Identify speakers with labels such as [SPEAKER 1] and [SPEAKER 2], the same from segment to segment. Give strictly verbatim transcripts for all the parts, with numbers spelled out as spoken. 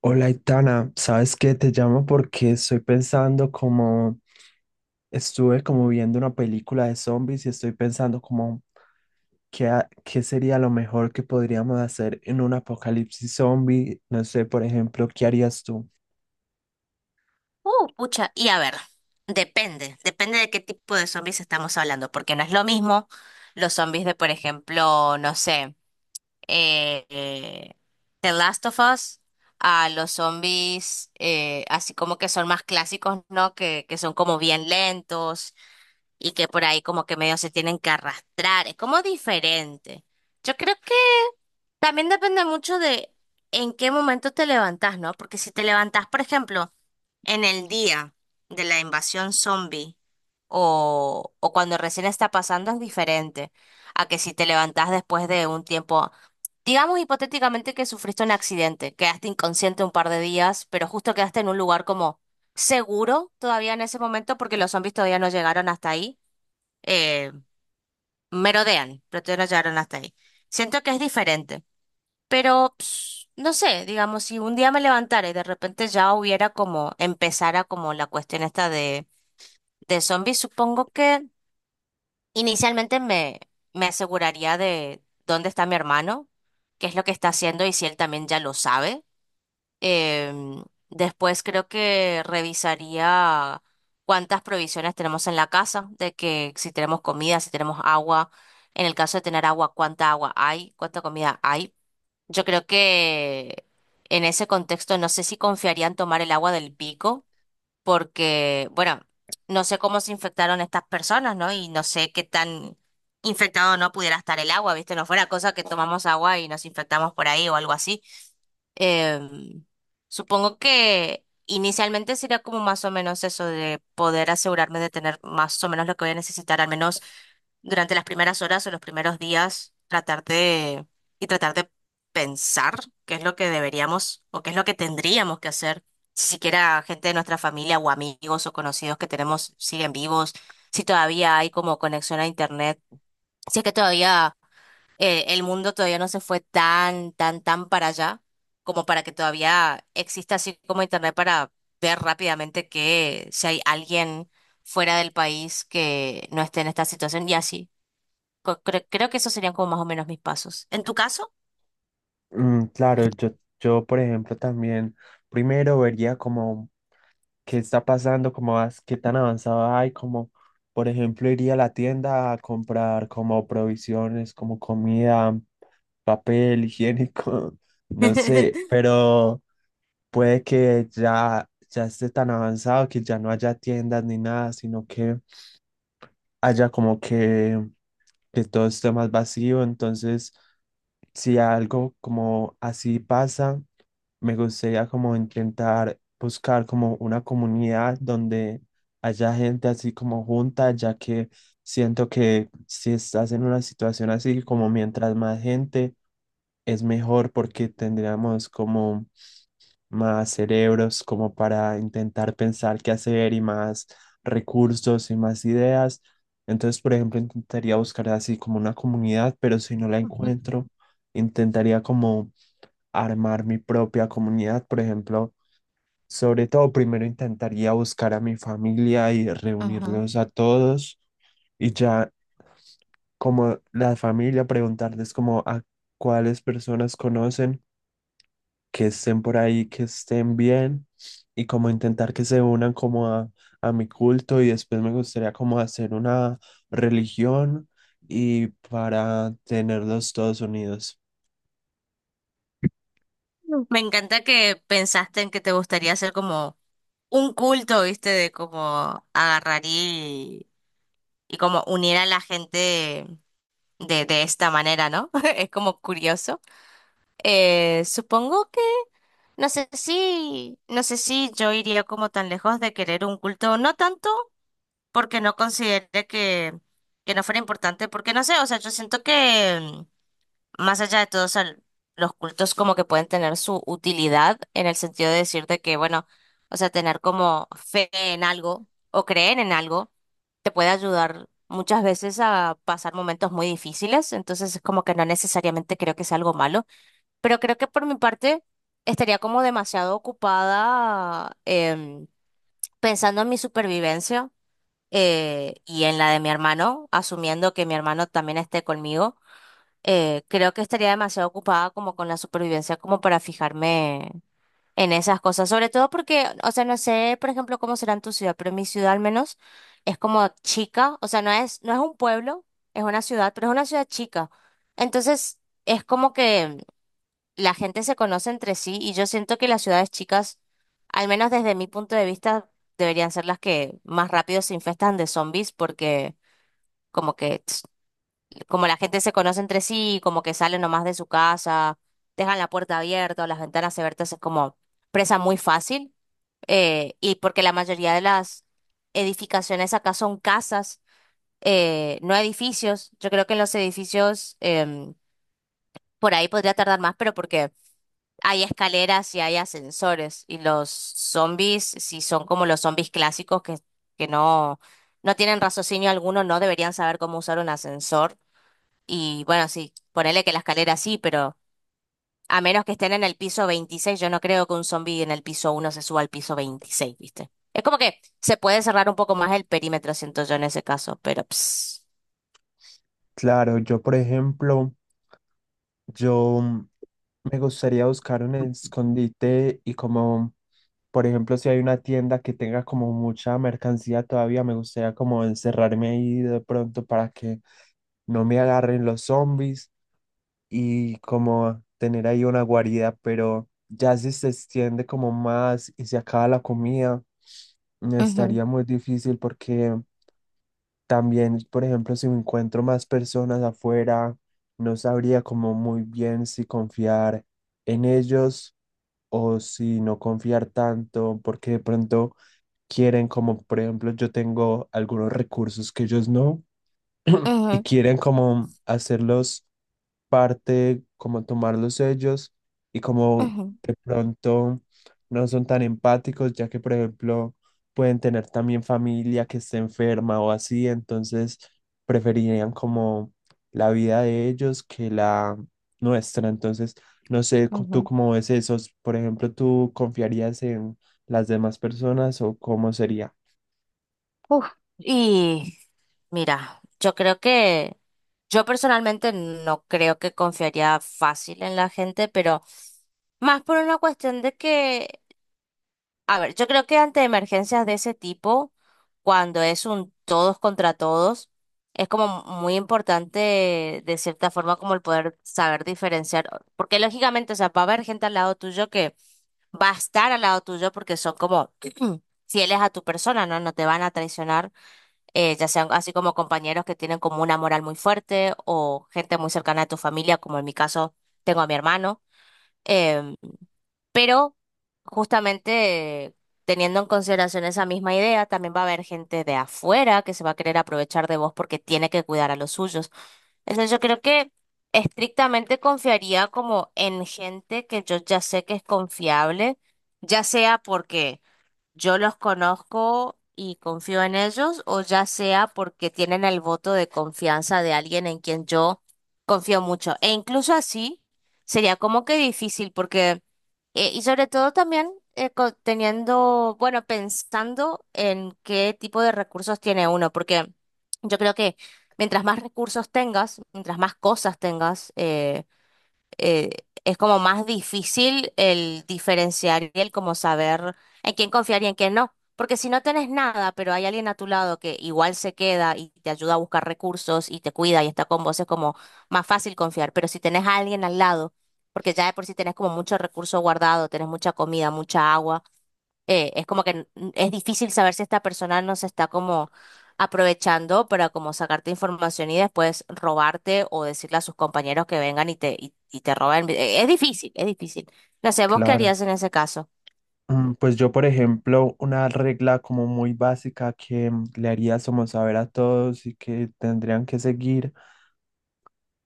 [SPEAKER 1] Hola, Itana, ¿sabes qué? Te llamo porque estoy pensando como, estuve como viendo una película de zombies y estoy pensando como, ¿qué, ha- qué sería lo mejor que podríamos hacer en un apocalipsis zombie? No sé, por ejemplo, ¿qué harías tú?
[SPEAKER 2] Uh, pucha, y a ver, depende, depende de qué tipo de zombies estamos hablando, porque no es lo mismo los zombies de, por ejemplo, no sé, eh, eh, The Last of Us, a los zombies eh, así como que son más clásicos, ¿no? Que, que son como bien lentos y que por ahí como que medio se tienen que arrastrar, es como diferente. Yo creo que también depende mucho de en qué momento te levantás, ¿no? Porque si te levantás, por ejemplo, en el día de la invasión zombie o, o cuando recién está pasando es diferente a que si te levantás después de un tiempo, digamos hipotéticamente que sufriste un accidente, quedaste inconsciente un par de días, pero justo quedaste en un lugar como seguro todavía en ese momento porque los zombies todavía no llegaron hasta ahí, eh, merodean, pero todavía no llegaron hasta ahí. Siento que es diferente. Pero, ps, no sé, digamos, si un día me levantara y de repente ya hubiera como, empezara como la cuestión esta de, de zombies, supongo que inicialmente me, me aseguraría de dónde está mi hermano, qué es lo que está haciendo y si él también ya lo sabe. Em, después creo que revisaría cuántas provisiones tenemos en la casa, de que si tenemos comida, si tenemos agua, en el caso de tener agua, cuánta agua hay, cuánta comida hay. Yo creo que en ese contexto no sé si confiarían tomar el agua del pico, porque, bueno, no sé cómo se infectaron estas personas, ¿no? Y no sé qué tan infectado no pudiera estar el agua, ¿viste? No fuera cosa que tomamos agua y nos infectamos por ahí o algo así. Em, supongo que inicialmente sería como más o menos eso de poder asegurarme de tener más o menos lo que voy a necesitar, al menos durante las primeras horas o los primeros días tratar de, y tratar de pensar qué es lo que deberíamos o qué es lo que tendríamos que hacer, si siquiera gente de nuestra familia o amigos o conocidos que tenemos siguen vivos, si todavía hay como conexión a internet, si es que todavía eh, el mundo todavía no se fue tan, tan, tan para allá como para que todavía exista así como internet para ver rápidamente que si hay alguien fuera del país que no esté en esta situación y así. Co- Creo, creo que esos serían como más o menos mis pasos. ¿En tu caso?
[SPEAKER 1] Mm, claro, yo, yo, por ejemplo, también primero vería como qué está pasando, cómo vas, qué tan avanzado hay, como por ejemplo iría a la tienda a comprar como provisiones, como comida, papel higiénico, no sé, pero puede que ya ya esté tan avanzado que ya no haya tiendas ni nada, sino que haya como que que todo está más vacío. Entonces, si algo como así pasa, me gustaría como intentar buscar como una comunidad donde haya gente así como junta, ya que siento que si estás en una situación así, como mientras más gente, es mejor porque tendríamos como más cerebros como para intentar pensar qué hacer y más recursos y más ideas. Entonces, por ejemplo, intentaría buscar así como una comunidad, pero si no la encuentro, intentaría como armar mi propia comunidad, por ejemplo. Sobre todo, primero intentaría buscar a mi familia y
[SPEAKER 2] Ajá.
[SPEAKER 1] reunirlos a todos y ya como la familia preguntarles como a cuáles personas conocen que estén por ahí, que estén bien y como intentar que se unan como a, a mi culto y después me gustaría como hacer una religión y para tenerlos todos unidos.
[SPEAKER 2] Me encanta que pensaste en que te gustaría hacer como un culto, ¿viste? De como agarrar y, y como unir a la gente de, de esta manera, ¿no? Es como curioso. Eh, supongo que, no sé si, no sé si yo iría como tan lejos de querer un culto, no tanto porque no considere que, que no fuera importante, porque no sé, o sea, yo siento que más allá de todos los cultos como que pueden tener su utilidad en el sentido de decirte que, bueno, o sea, tener como fe en algo o creer en algo te puede ayudar muchas veces a pasar momentos muy difíciles, entonces es como que no necesariamente creo que sea algo malo, pero creo que por mi parte estaría como demasiado ocupada em, pensando en mi supervivencia eh, y en la de mi hermano, asumiendo que mi hermano también esté conmigo. Eh, creo que estaría demasiado ocupada como con la supervivencia como para fijarme en esas cosas, sobre todo porque, o sea, no sé, por ejemplo, cómo será en tu ciudad, pero en mi ciudad al menos es como chica, o sea, no es, no es un pueblo, es una ciudad, pero es una ciudad chica. Entonces, es como que la gente se conoce entre sí y yo siento que las ciudades chicas, al menos desde mi punto de vista, deberían ser las que más rápido se infestan de zombies porque como que como la gente se conoce entre sí, como que salen nomás de su casa, dejan la puerta abierta o las ventanas abiertas, es como presa muy fácil. Eh, y porque la mayoría de las edificaciones acá son casas, eh, no edificios. Yo creo que en los edificios em, por ahí podría tardar más, pero porque hay escaleras y hay ascensores. Y los zombies, si son como los zombies clásicos que, que no, no tienen raciocinio alguno, no deberían saber cómo usar un ascensor y bueno, sí, ponele que la escalera sí, pero a menos que estén en el piso veintiséis yo no creo que un zombie en el piso uno se suba al piso veintiséis, ¿viste? Es como que se puede cerrar un poco más el perímetro, siento yo en ese caso, pero ps.
[SPEAKER 1] Claro, yo por ejemplo, yo me gustaría buscar un escondite y como, por ejemplo, si hay una tienda que tenga como mucha mercancía todavía, me gustaría como encerrarme ahí de pronto para que no me agarren los zombies y como tener ahí una guarida, pero ya si se extiende como más y se acaba la comida, mm,
[SPEAKER 2] Ujú,
[SPEAKER 1] estaría muy difícil porque también, por ejemplo, si me encuentro más personas afuera, no sabría como muy bien si confiar en ellos o si no confiar tanto, porque de pronto quieren como, por ejemplo, yo tengo algunos recursos que ellos no y
[SPEAKER 2] ujú,
[SPEAKER 1] quieren como hacerlos parte, como tomarlos ellos y como
[SPEAKER 2] ujú,
[SPEAKER 1] de pronto no son tan empáticos, ya que por ejemplo pueden tener también familia que esté enferma o así, entonces preferirían como la vida de ellos que la nuestra. Entonces, no sé, co- tú
[SPEAKER 2] ujú.
[SPEAKER 1] cómo ves eso, por ejemplo, ¿tú confiarías en las demás personas o cómo sería?
[SPEAKER 2] Uf, y mira, yo creo que yo personalmente no creo que confiaría fácil en la gente, pero más por una cuestión de que, a ver, yo creo que ante emergencias de ese tipo, cuando es un todos contra todos, es como muy importante de cierta forma como el poder saber diferenciar, porque lógicamente, o sea, va a haber gente al lado tuyo que va a estar al lado tuyo porque son como fieles a tu persona, ¿no? No te van a traicionar, eh, ya sean así como compañeros que tienen como una moral muy fuerte o gente muy cercana a tu familia, como en mi caso tengo a mi hermano. eh, pero justamente teniendo en consideración esa misma idea, también va a haber gente de afuera que se va a querer aprovechar de vos porque tiene que cuidar a los suyos. Entonces yo creo que estrictamente confiaría como en gente que yo ya sé que es confiable, ya sea porque yo los conozco y confío en ellos, o ya sea porque tienen el voto de confianza de alguien en quien yo confío mucho. E incluso así sería como que difícil, porque, eh, y sobre todo también eh, co- teniendo, bueno, pensando en qué tipo de recursos tiene uno, porque yo creo que mientras más recursos tengas, mientras más cosas tengas, eh, eh, es como más difícil el diferenciar y el como saber en quién confiar y en quién no. Porque si no tenés nada, pero hay alguien a tu lado que igual se queda y te ayuda a buscar recursos y te cuida y está con vos, es como más fácil confiar. Pero si tenés a alguien al lado, porque ya de por sí tenés como mucho recurso guardado, tenés mucha comida, mucha agua. Eh, es como que n- es difícil saber si esta persona no se está como aprovechando para como sacarte información y después robarte o decirle a sus compañeros que vengan y te, y, y te roben. Eh, Es difícil, es difícil. No sé, ¿vos qué
[SPEAKER 1] Claro.
[SPEAKER 2] harías en ese caso?
[SPEAKER 1] Mm, pues yo, por ejemplo, una regla como muy básica que mm, le haría como saber a todos y que tendrían que seguir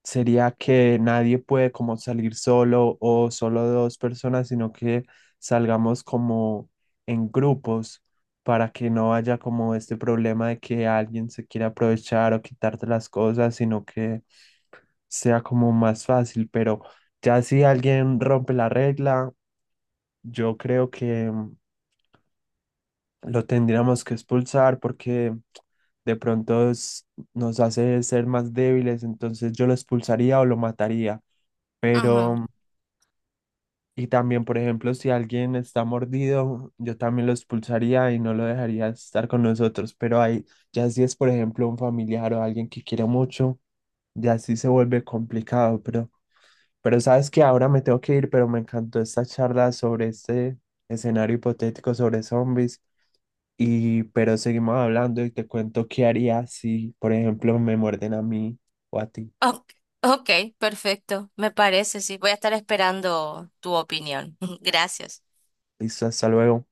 [SPEAKER 1] sería que nadie puede como salir solo o solo dos personas, sino que salgamos como en grupos para que no haya como este problema de que alguien se quiera aprovechar o quitarte las cosas, sino que sea como más fácil. Pero ya si alguien rompe la regla, yo creo que... mm, lo tendríamos que expulsar porque de pronto es- nos hace ser más débiles, entonces yo lo expulsaría o lo mataría.
[SPEAKER 2] Ujú.
[SPEAKER 1] Pero, y también, por ejemplo, si alguien está mordido, yo también lo expulsaría y no lo dejaría estar con nosotros. Pero ahí, ya si es, por ejemplo, un familiar o alguien que quiere mucho, ya sí se vuelve complicado. Pero, pero sabes que ahora me tengo que ir, pero me encantó esta charla sobre este escenario hipotético sobre zombies. Y, pero seguimos hablando y te cuento qué haría si, por ejemplo, me muerden a mí o a ti.
[SPEAKER 2] Ok, ok, perfecto. Me parece, sí. Voy a estar esperando tu opinión. Gracias.
[SPEAKER 1] Listo, hasta luego.